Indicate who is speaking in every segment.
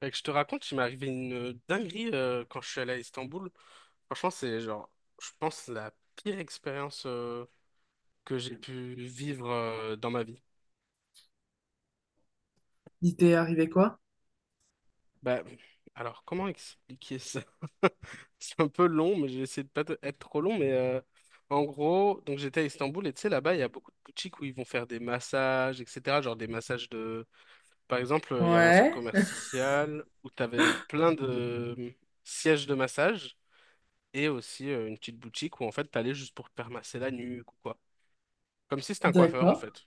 Speaker 1: Fait que je te raconte, il m'est arrivé une dinguerie quand je suis allé à Istanbul. Franchement, c'est genre, je pense, la pire expérience que j'ai pu vivre dans ma vie.
Speaker 2: Il t'est arrivé quoi?
Speaker 1: Bah, alors, comment expliquer ça? C'est un peu long, mais j'ai essayé de pas être trop long. Mais en gros, donc j'étais à Istanbul et tu sais, là-bas, il y a beaucoup de boutiques où ils vont faire des massages, etc. Genre des massages de. Par exemple, il y avait un centre
Speaker 2: Ouais,
Speaker 1: commercial où tu avais plein de sièges de massage. Et aussi une petite boutique où en fait t'allais juste pour te faire masser la nuque ou quoi. Comme si c'était un coiffeur en
Speaker 2: d'accord.
Speaker 1: fait.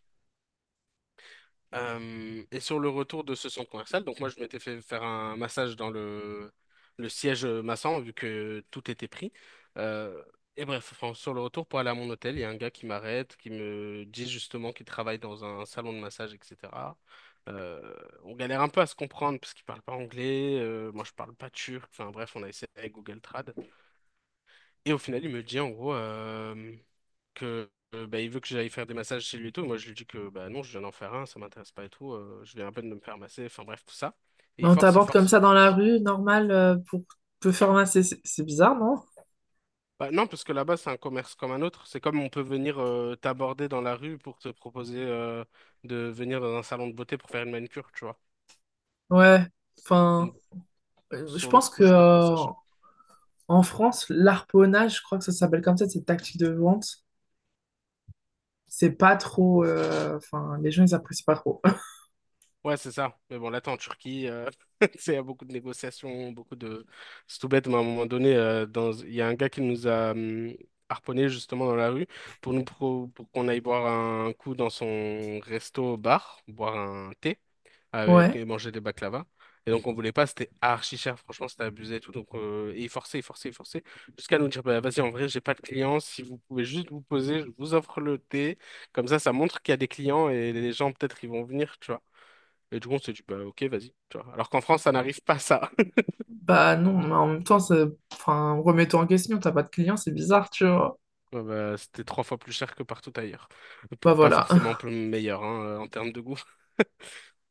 Speaker 1: Et sur le retour de ce centre commercial, donc moi je m'étais fait faire un massage dans le siège massant vu que tout était pris. Euh, et bref, enfin, sur le retour pour aller à mon hôtel, il y a un gars qui m'arrête, qui me dit justement qu'il travaille dans un salon de massage, etc. Euh, on galère un peu à se comprendre parce qu'il parle pas anglais, moi je parle pas turc, enfin bref, on a essayé avec Google Trad. Et au final, il me dit en gros que bah, il veut que j'aille faire des massages chez lui et tout. Moi, je lui dis que bah non, je viens d'en faire un, ça m'intéresse pas et tout. Je viens à peine de me faire masser, enfin bref, tout ça. Et
Speaker 2: Mais
Speaker 1: il
Speaker 2: on
Speaker 1: force, il
Speaker 2: t'aborde comme
Speaker 1: force, il
Speaker 2: ça dans la
Speaker 1: force.
Speaker 2: rue, normal, pour te faire masser. C'est bizarre, non?
Speaker 1: Bah non, parce que là-bas, c'est un commerce comme un autre. C'est comme on peut venir t'aborder dans la rue pour te proposer de venir dans un salon de beauté pour faire une manicure, tu vois.
Speaker 2: Ouais. Enfin,
Speaker 1: Donc,
Speaker 2: je
Speaker 1: sur le
Speaker 2: pense
Speaker 1: coup,
Speaker 2: que
Speaker 1: je sais pas trop ça.
Speaker 2: en France, l'harponnage, je crois que ça s'appelle comme ça, cette tactique de vente, c'est pas trop. Enfin, les gens, ils apprécient pas trop.
Speaker 1: Ouais, c'est ça. Mais bon, là, t'es en Turquie, il y a beaucoup de négociations, beaucoup de... C'est tout bête, mais à un moment donné, il y a un gars qui nous a harponné justement dans la rue pour nous pour qu'on aille boire un coup dans son resto-bar, boire un thé
Speaker 2: Ouais.
Speaker 1: et manger des baklava. Et donc, on voulait pas, c'était archi cher, franchement, c'était abusé et tout. Donc, et il forçait, il forçait, il forçait, jusqu'à nous dire, bah, vas-y, en vrai, j'ai pas de clients, si vous pouvez juste vous poser, je vous offre le thé. Comme ça montre qu'il y a des clients et les gens, peut-être, ils vont venir, tu vois. Et du coup, on s'est dit, bah, ok, vas-y, tu vois. Alors qu'en France, ça n'arrive pas ça.
Speaker 2: Bah non, mais en même temps, ça- enfin, remets-toi en question, t'as pas de clients, c'est bizarre, tu vois.
Speaker 1: Ouais, bah, c'était trois fois plus cher que partout ailleurs.
Speaker 2: Bah
Speaker 1: Pour pas
Speaker 2: voilà.
Speaker 1: forcément plus meilleur hein, en termes de goût.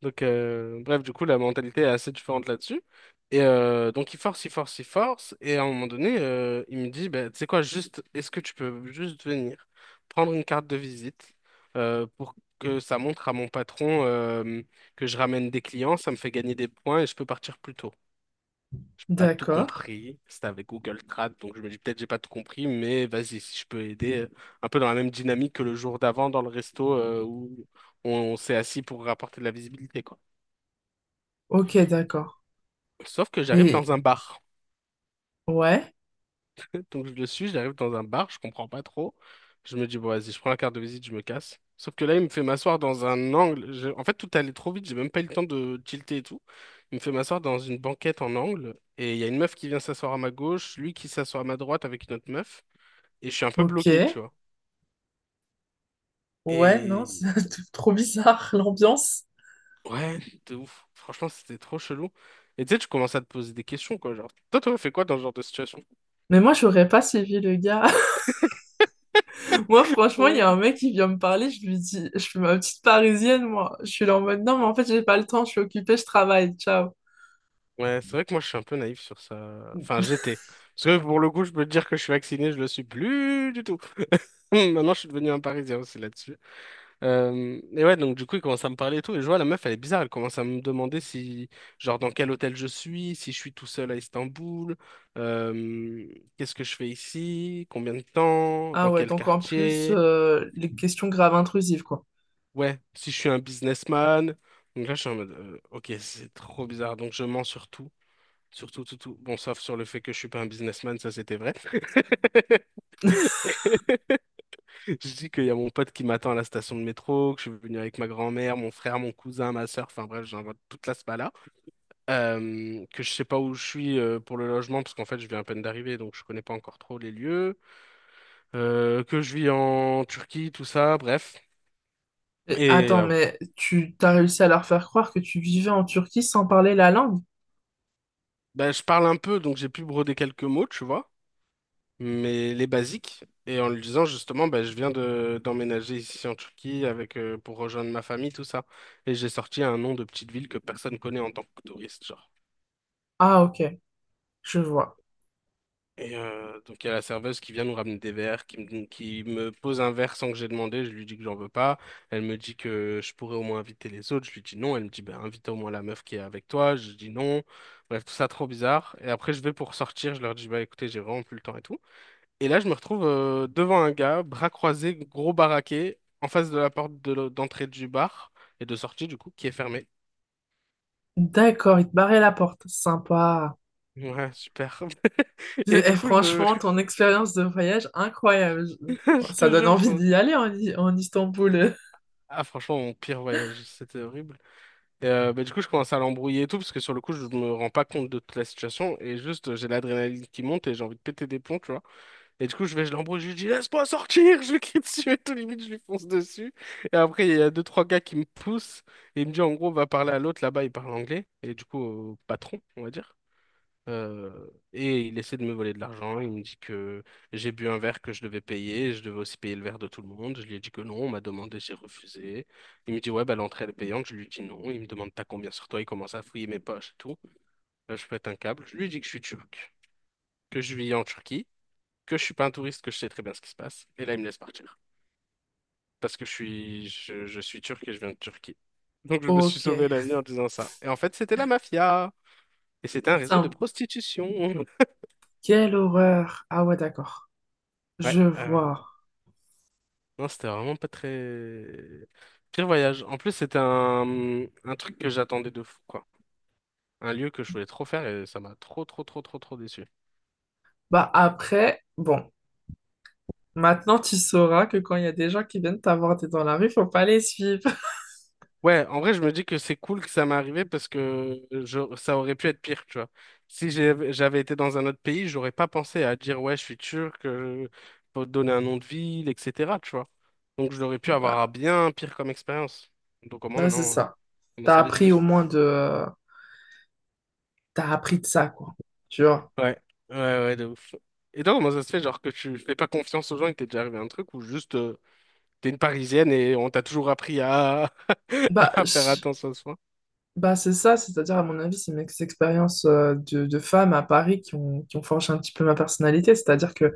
Speaker 1: Donc, bref, du coup, la mentalité est assez différente là-dessus. Et donc, il force, il force, il force. Et à un moment donné, il me dit, bah, tu sais quoi, juste, est-ce que tu peux juste venir prendre une carte de visite pour que ça montre à mon patron que je ramène des clients, ça me fait gagner des points et je peux partir plus tôt. Pas tout
Speaker 2: D'accord.
Speaker 1: compris. C'était avec Google Trad, donc je me dis peut-être j'ai pas tout compris, mais vas-y, si je peux aider, un peu dans la même dynamique que le jour d'avant dans le resto où on s'est assis pour rapporter de la visibilité, quoi.
Speaker 2: Ok, d'accord.
Speaker 1: Sauf que j'arrive
Speaker 2: Et
Speaker 1: dans un bar.
Speaker 2: ouais,
Speaker 1: Donc je le suis, j'arrive dans un bar, je comprends pas trop. Je me dis, bon, vas-y, je prends la carte de visite, je me casse. Sauf que là, il me fait m'asseoir dans un angle. En fait, tout allait trop vite, j'ai même pas eu le temps de tilter et tout. Il me fait m'asseoir dans une banquette en angle. Et il y a une meuf qui vient s'asseoir à ma gauche, lui qui s'assoit à ma droite avec une autre meuf. Et je suis un peu
Speaker 2: ok.
Speaker 1: bloqué, tu vois.
Speaker 2: Ouais, non,
Speaker 1: Et
Speaker 2: c'est trop bizarre l'ambiance.
Speaker 1: ouais, de ouf. Franchement, c'était trop chelou. Et tu sais, tu commences à te poser des questions, quoi. Genre, toi, t'aurais fait quoi dans ce genre de situation?
Speaker 2: Mais moi, j'aurais pas suivi le gars. Moi, franchement, il y
Speaker 1: Ouais.
Speaker 2: a un mec qui vient me parler, je lui dis, je suis ma petite parisienne, moi. Je suis là en mode, non, mais en fait, j'ai pas le temps, je suis occupée, je travaille, ciao.
Speaker 1: Ouais, c'est vrai que moi, je suis un peu naïf sur ça. Enfin, j'étais. Parce que pour le coup, je peux te dire que je suis vacciné, je le suis plus du tout. Maintenant, je suis devenu un Parisien aussi là-dessus. Et ouais, donc du coup, il commence à me parler et tout. Et je vois, la meuf, elle est bizarre. Elle commence à me demander si, genre, dans quel hôtel je suis, si je suis tout seul à Istanbul, euh, qu'est-ce que je fais ici, combien de temps,
Speaker 2: Ah
Speaker 1: dans
Speaker 2: ouais,
Speaker 1: quel
Speaker 2: donc en plus,
Speaker 1: quartier,
Speaker 2: les questions graves intrusives, quoi.
Speaker 1: ouais, si je suis un businessman. Donc là, je suis en mode, ok, c'est trop bizarre. Donc je mens sur tout, tout, tout. Bon, sauf sur le fait que je suis pas un businessman, ça c'était vrai. Je dis qu'il y a mon pote qui m'attend à la station de métro, que je suis venu avec ma grand-mère, mon frère, mon cousin, ma sœur, enfin bref, j'invente toute la spala. Que je sais pas où je suis pour le logement, parce qu'en fait, je viens à peine d'arriver, donc je connais pas encore trop les lieux. Que je vis en Turquie, tout ça, bref.
Speaker 2: Et
Speaker 1: Et
Speaker 2: attends, mais tu t'as réussi à leur faire croire que tu vivais en Turquie sans parler la langue?
Speaker 1: ben, je parle un peu, donc j'ai pu broder quelques mots, tu vois, mais les basiques. Et en lui disant justement, ben, je viens de d'emménager ici en Turquie avec pour rejoindre ma famille, tout ça. Et j'ai sorti un nom de petite ville que personne connaît en tant que touriste, genre.
Speaker 2: Ah, ok, je vois.
Speaker 1: Et donc il y a la serveuse qui vient nous ramener des verres, qui me pose un verre sans que j'ai demandé, je lui dis que j'en veux pas, elle me dit que je pourrais au moins inviter les autres, je lui dis non, elle me dit ben invite au moins la meuf qui est avec toi, je dis non, bref tout ça trop bizarre, et après je vais pour sortir, je leur dis bah écoutez j'ai vraiment plus le temps et tout, et là je me retrouve devant un gars, bras croisés, gros baraqué, en face de la porte de d'entrée du bar, et de sortie du coup, qui est fermée.
Speaker 2: D'accord, il te barrait la porte. Sympa.
Speaker 1: Ouais, super. Et
Speaker 2: Et
Speaker 1: du coup,
Speaker 2: franchement, ton expérience de voyage, incroyable. Je-
Speaker 1: je
Speaker 2: Ça
Speaker 1: te
Speaker 2: donne
Speaker 1: jure,
Speaker 2: envie
Speaker 1: enfin,
Speaker 2: d'y aller en, I- en Istanbul.
Speaker 1: ah franchement, mon pire voyage, c'était horrible. Et, bah, du coup, je commence à l'embrouiller et tout, parce que sur le coup, je me rends pas compte de toute la situation, et juste, j'ai l'adrénaline qui monte, et j'ai envie de péter des plombs, tu vois. Et du coup, je vais, je l'embrouille, je lui dis, laisse-moi sortir, je lui crie dessus, et tout, limite, je lui fonce dessus. Et après, il y a deux, trois gars qui me poussent, et il me dit, en gros, va parler à l'autre, là-bas, il parle anglais, et du coup, au patron, on va dire. Et il essaie de me voler de l'argent. Il me dit que j'ai bu un verre que je devais payer. Je devais aussi payer le verre de tout le monde. Je lui ai dit que non. On m'a demandé, j'ai refusé. Il me dit, ouais, bah, l'entrée elle est payante. Je lui dis non. Il me demande, t'as combien sur toi? Il commence à fouiller mes poches et tout. Je pète un câble. Je lui dis que je suis turc, que je vis en Turquie, que je suis pas un touriste, que je sais très bien ce qui se passe. Et là, il me laisse partir. Parce que je suis turc et je viens de Turquie. Donc, je me suis
Speaker 2: Ok.
Speaker 1: sauvé la vie en disant ça. Et en fait, c'était la mafia. Et c'était un réseau de
Speaker 2: Simple.
Speaker 1: prostitution.
Speaker 2: Quelle horreur. Ah ouais, d'accord.
Speaker 1: Ouais.
Speaker 2: Je vois.
Speaker 1: Non, c'était vraiment pas très... Pire voyage. En plus, c'était un truc que j'attendais de fou, quoi. Un lieu que je voulais trop faire et ça m'a trop, trop, trop, trop, trop déçu.
Speaker 2: Bah après, bon. Maintenant, tu sauras que quand il y a des gens qui viennent t'aborder dans la rue, faut pas les suivre.
Speaker 1: Ouais, en vrai, je me dis que c'est cool que ça m'est arrivé parce que ça aurait pu être pire, tu vois. Si j'avais été dans un autre pays, j'aurais pas pensé à dire, ouais, je suis turc, faut te donner un nom de ville, etc., tu vois. Donc, j'aurais pu avoir un
Speaker 2: Bah,
Speaker 1: bien pire comme expérience. Donc, au moins,
Speaker 2: bah c'est
Speaker 1: maintenant,
Speaker 2: ça.
Speaker 1: ça m'a
Speaker 2: T'as
Speaker 1: servi de
Speaker 2: appris au
Speaker 1: leçon.
Speaker 2: moins de... T'as appris de ça, quoi. Tu vois.
Speaker 1: Ouais, ouais, ouais, de ouf. Et donc, comment ça se fait, genre, que tu fais pas confiance aux gens et que t'es déjà arrivé à un truc ou juste t'es une Parisienne et on t'a toujours appris
Speaker 2: Bah,
Speaker 1: à faire
Speaker 2: je-
Speaker 1: attention à soi?
Speaker 2: bah, c'est ça. C'est-à-dire, à mon avis, c'est mes expériences de femmes à Paris qui ont forgé un petit peu ma personnalité. C'est-à-dire que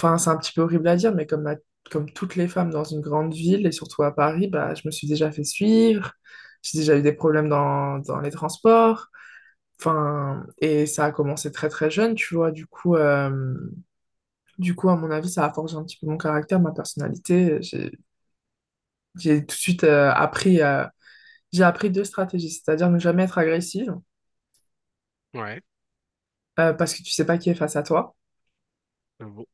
Speaker 2: enfin, c'est un petit peu horrible à dire, mais comme, la- comme toutes les femmes dans une grande ville, et surtout à Paris, bah, je me suis déjà fait suivre, j'ai déjà eu des problèmes dans, dans les transports. Enfin, et ça a commencé très très jeune, tu vois. Du coup, à mon avis, ça a forgé un petit peu mon caractère, ma personnalité. J'ai tout de suite appris, j'ai appris deux stratégies, c'est-à-dire ne jamais être agressive,
Speaker 1: Ouais,
Speaker 2: parce que tu sais pas qui est face à toi,
Speaker 1: j'avoue.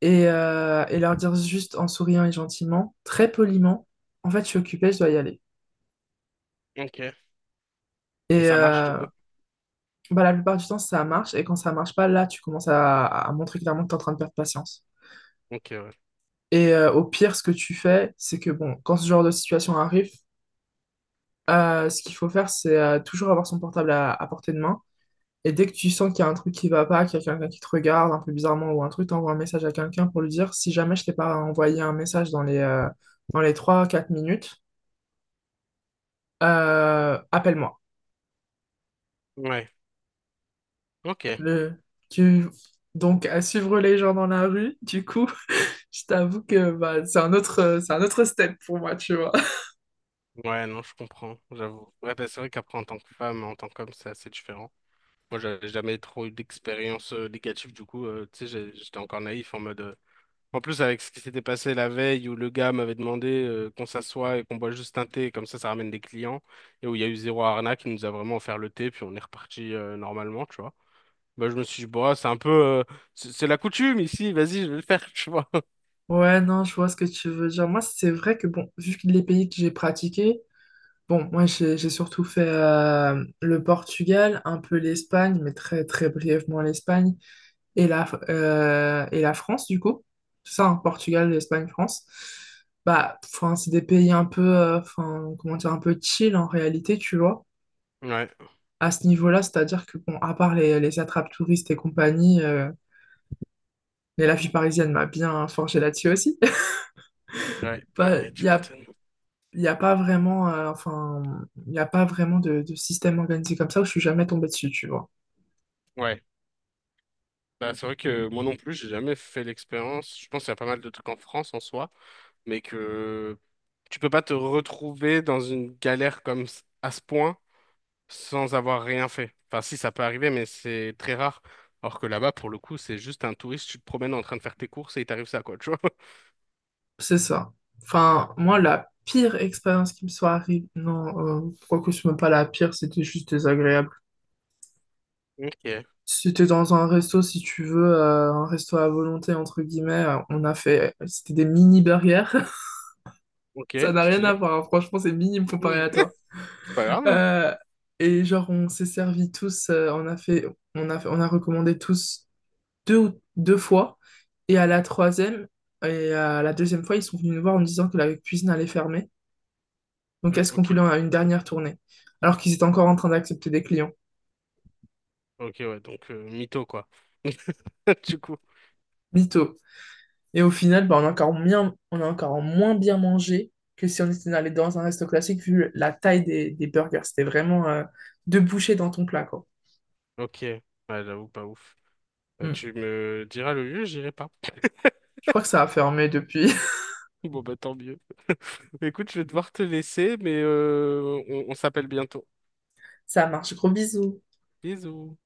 Speaker 2: et leur dire juste en souriant et gentiment, très poliment, en fait, je suis occupée, je dois y aller.
Speaker 1: Ok. Et
Speaker 2: Et
Speaker 1: ça marche du coup?
Speaker 2: bah, la plupart du temps, ça marche. Et quand ça marche pas, là, tu commences à montrer clairement que tu es en train de perdre patience.
Speaker 1: Ok, ouais.
Speaker 2: Et au pire, ce que tu fais, c'est que bon, quand ce genre de situation arrive, ce qu'il faut faire, c'est toujours avoir son portable à portée de main. Et dès que tu sens qu'il y a un truc qui va pas, qu'il y a quelqu'un qui te regarde un peu bizarrement ou un truc, t'envoies un message à quelqu'un pour lui dire si jamais je t'ai pas envoyé un message dans les trois quatre minutes, appelle-moi.
Speaker 1: Ouais, ok.
Speaker 2: Le... Tu... Donc, à suivre les gens dans la rue, du coup. Je t'avoue que bah, c'est un autre step pour moi, tu vois.
Speaker 1: Ouais, non, je comprends, j'avoue. Ouais, bah, c'est vrai qu'après, en tant que femme, en tant qu'homme, c'est assez différent. Moi, j'avais jamais trop eu d'expérience négative, du coup, tu sais, j'étais encore naïf en mode. En plus, avec ce qui s'était passé la veille où le gars m'avait demandé qu'on s'assoie et qu'on boit juste un thé, comme ça ramène des clients, et où il y a eu zéro arnaque, il nous a vraiment offert le thé, puis on est reparti normalement, tu vois. Bah, je me suis dit, bah, c'est un peu. C'est la coutume ici, vas-y, je vais le faire, tu vois.
Speaker 2: Ouais, non, je vois ce que tu veux dire. Moi, c'est vrai que, bon, vu que les pays que j'ai pratiqués, bon, moi, j'ai surtout fait le Portugal, un peu l'Espagne, mais très, très brièvement l'Espagne, et la France, du coup. C'est ça, hein, Portugal, Espagne, France. Bah, enfin, c'est des pays un peu, enfin, comment dire, un peu chill en réalité, tu vois.
Speaker 1: Ouais,
Speaker 2: À ce niveau-là, c'est-à-dire que, bon, à part les attrapes touristes et compagnie, mais la vie parisienne m'a bien forgé là-dessus aussi.
Speaker 1: ouais, ah
Speaker 2: Pas-
Speaker 1: ouais, tu m'étonnes.
Speaker 2: Il y a pas vraiment, enfin, il n'y a pas vraiment de système organisé comme ça où je suis jamais tombée dessus, tu vois.
Speaker 1: Ouais, bah, c'est vrai que moi non plus, j'ai jamais fait l'expérience. Je pense qu'il y a pas mal de trucs en France en soi, mais que tu peux pas te retrouver dans une galère comme à ce point sans avoir rien fait. Enfin, si, ça peut arriver, mais c'est très rare. Alors que là-bas, pour le coup, c'est juste un touriste, tu te promènes en train de faire tes courses et il t'arrive ça, quoi, tu vois.
Speaker 2: C'est ça. Enfin, moi, la pire expérience qui me soit arrivée, non, quoique ce n'est pas la pire, c'était juste désagréable.
Speaker 1: Ok,
Speaker 2: Si t'es dans un resto, si tu veux, un resto à volonté, entre guillemets, on a fait, c'était des mini burgers. Ça
Speaker 1: ok,
Speaker 2: n'a rien à
Speaker 1: stylé.
Speaker 2: voir, hein. Franchement, c'est minime comparé
Speaker 1: Mm.
Speaker 2: à toi.
Speaker 1: C'est pas grave, hein.
Speaker 2: Euh, et genre, on s'est servi tous, on a fait, on a recommandé tous deux, ou- deux fois. Et à la troisième, et à la deuxième fois, ils sont venus nous voir en nous disant que la cuisine allait fermer. Donc, est-ce qu'on voulait
Speaker 1: Ok,
Speaker 2: une dernière tournée? Alors qu'ils étaient encore en train d'accepter des clients.
Speaker 1: ok, ouais, donc mytho, quoi. Du coup,
Speaker 2: Mytho. Et au final, bah, on a encore moins bien mangé que si on était allé dans un resto classique, vu la taille des burgers. C'était vraiment deux bouchées dans ton plat, quoi.
Speaker 1: ok. Ouais, j'avoue, pas ouf. Bah,
Speaker 2: Hmm.
Speaker 1: tu me diras le lieu, j'irai pas.
Speaker 2: Je crois que ça a fermé depuis.
Speaker 1: Bon, bah, tant mieux. Écoute, je vais devoir te laisser, mais on s'appelle bientôt.
Speaker 2: Ça marche. Gros bisous.
Speaker 1: Bisous.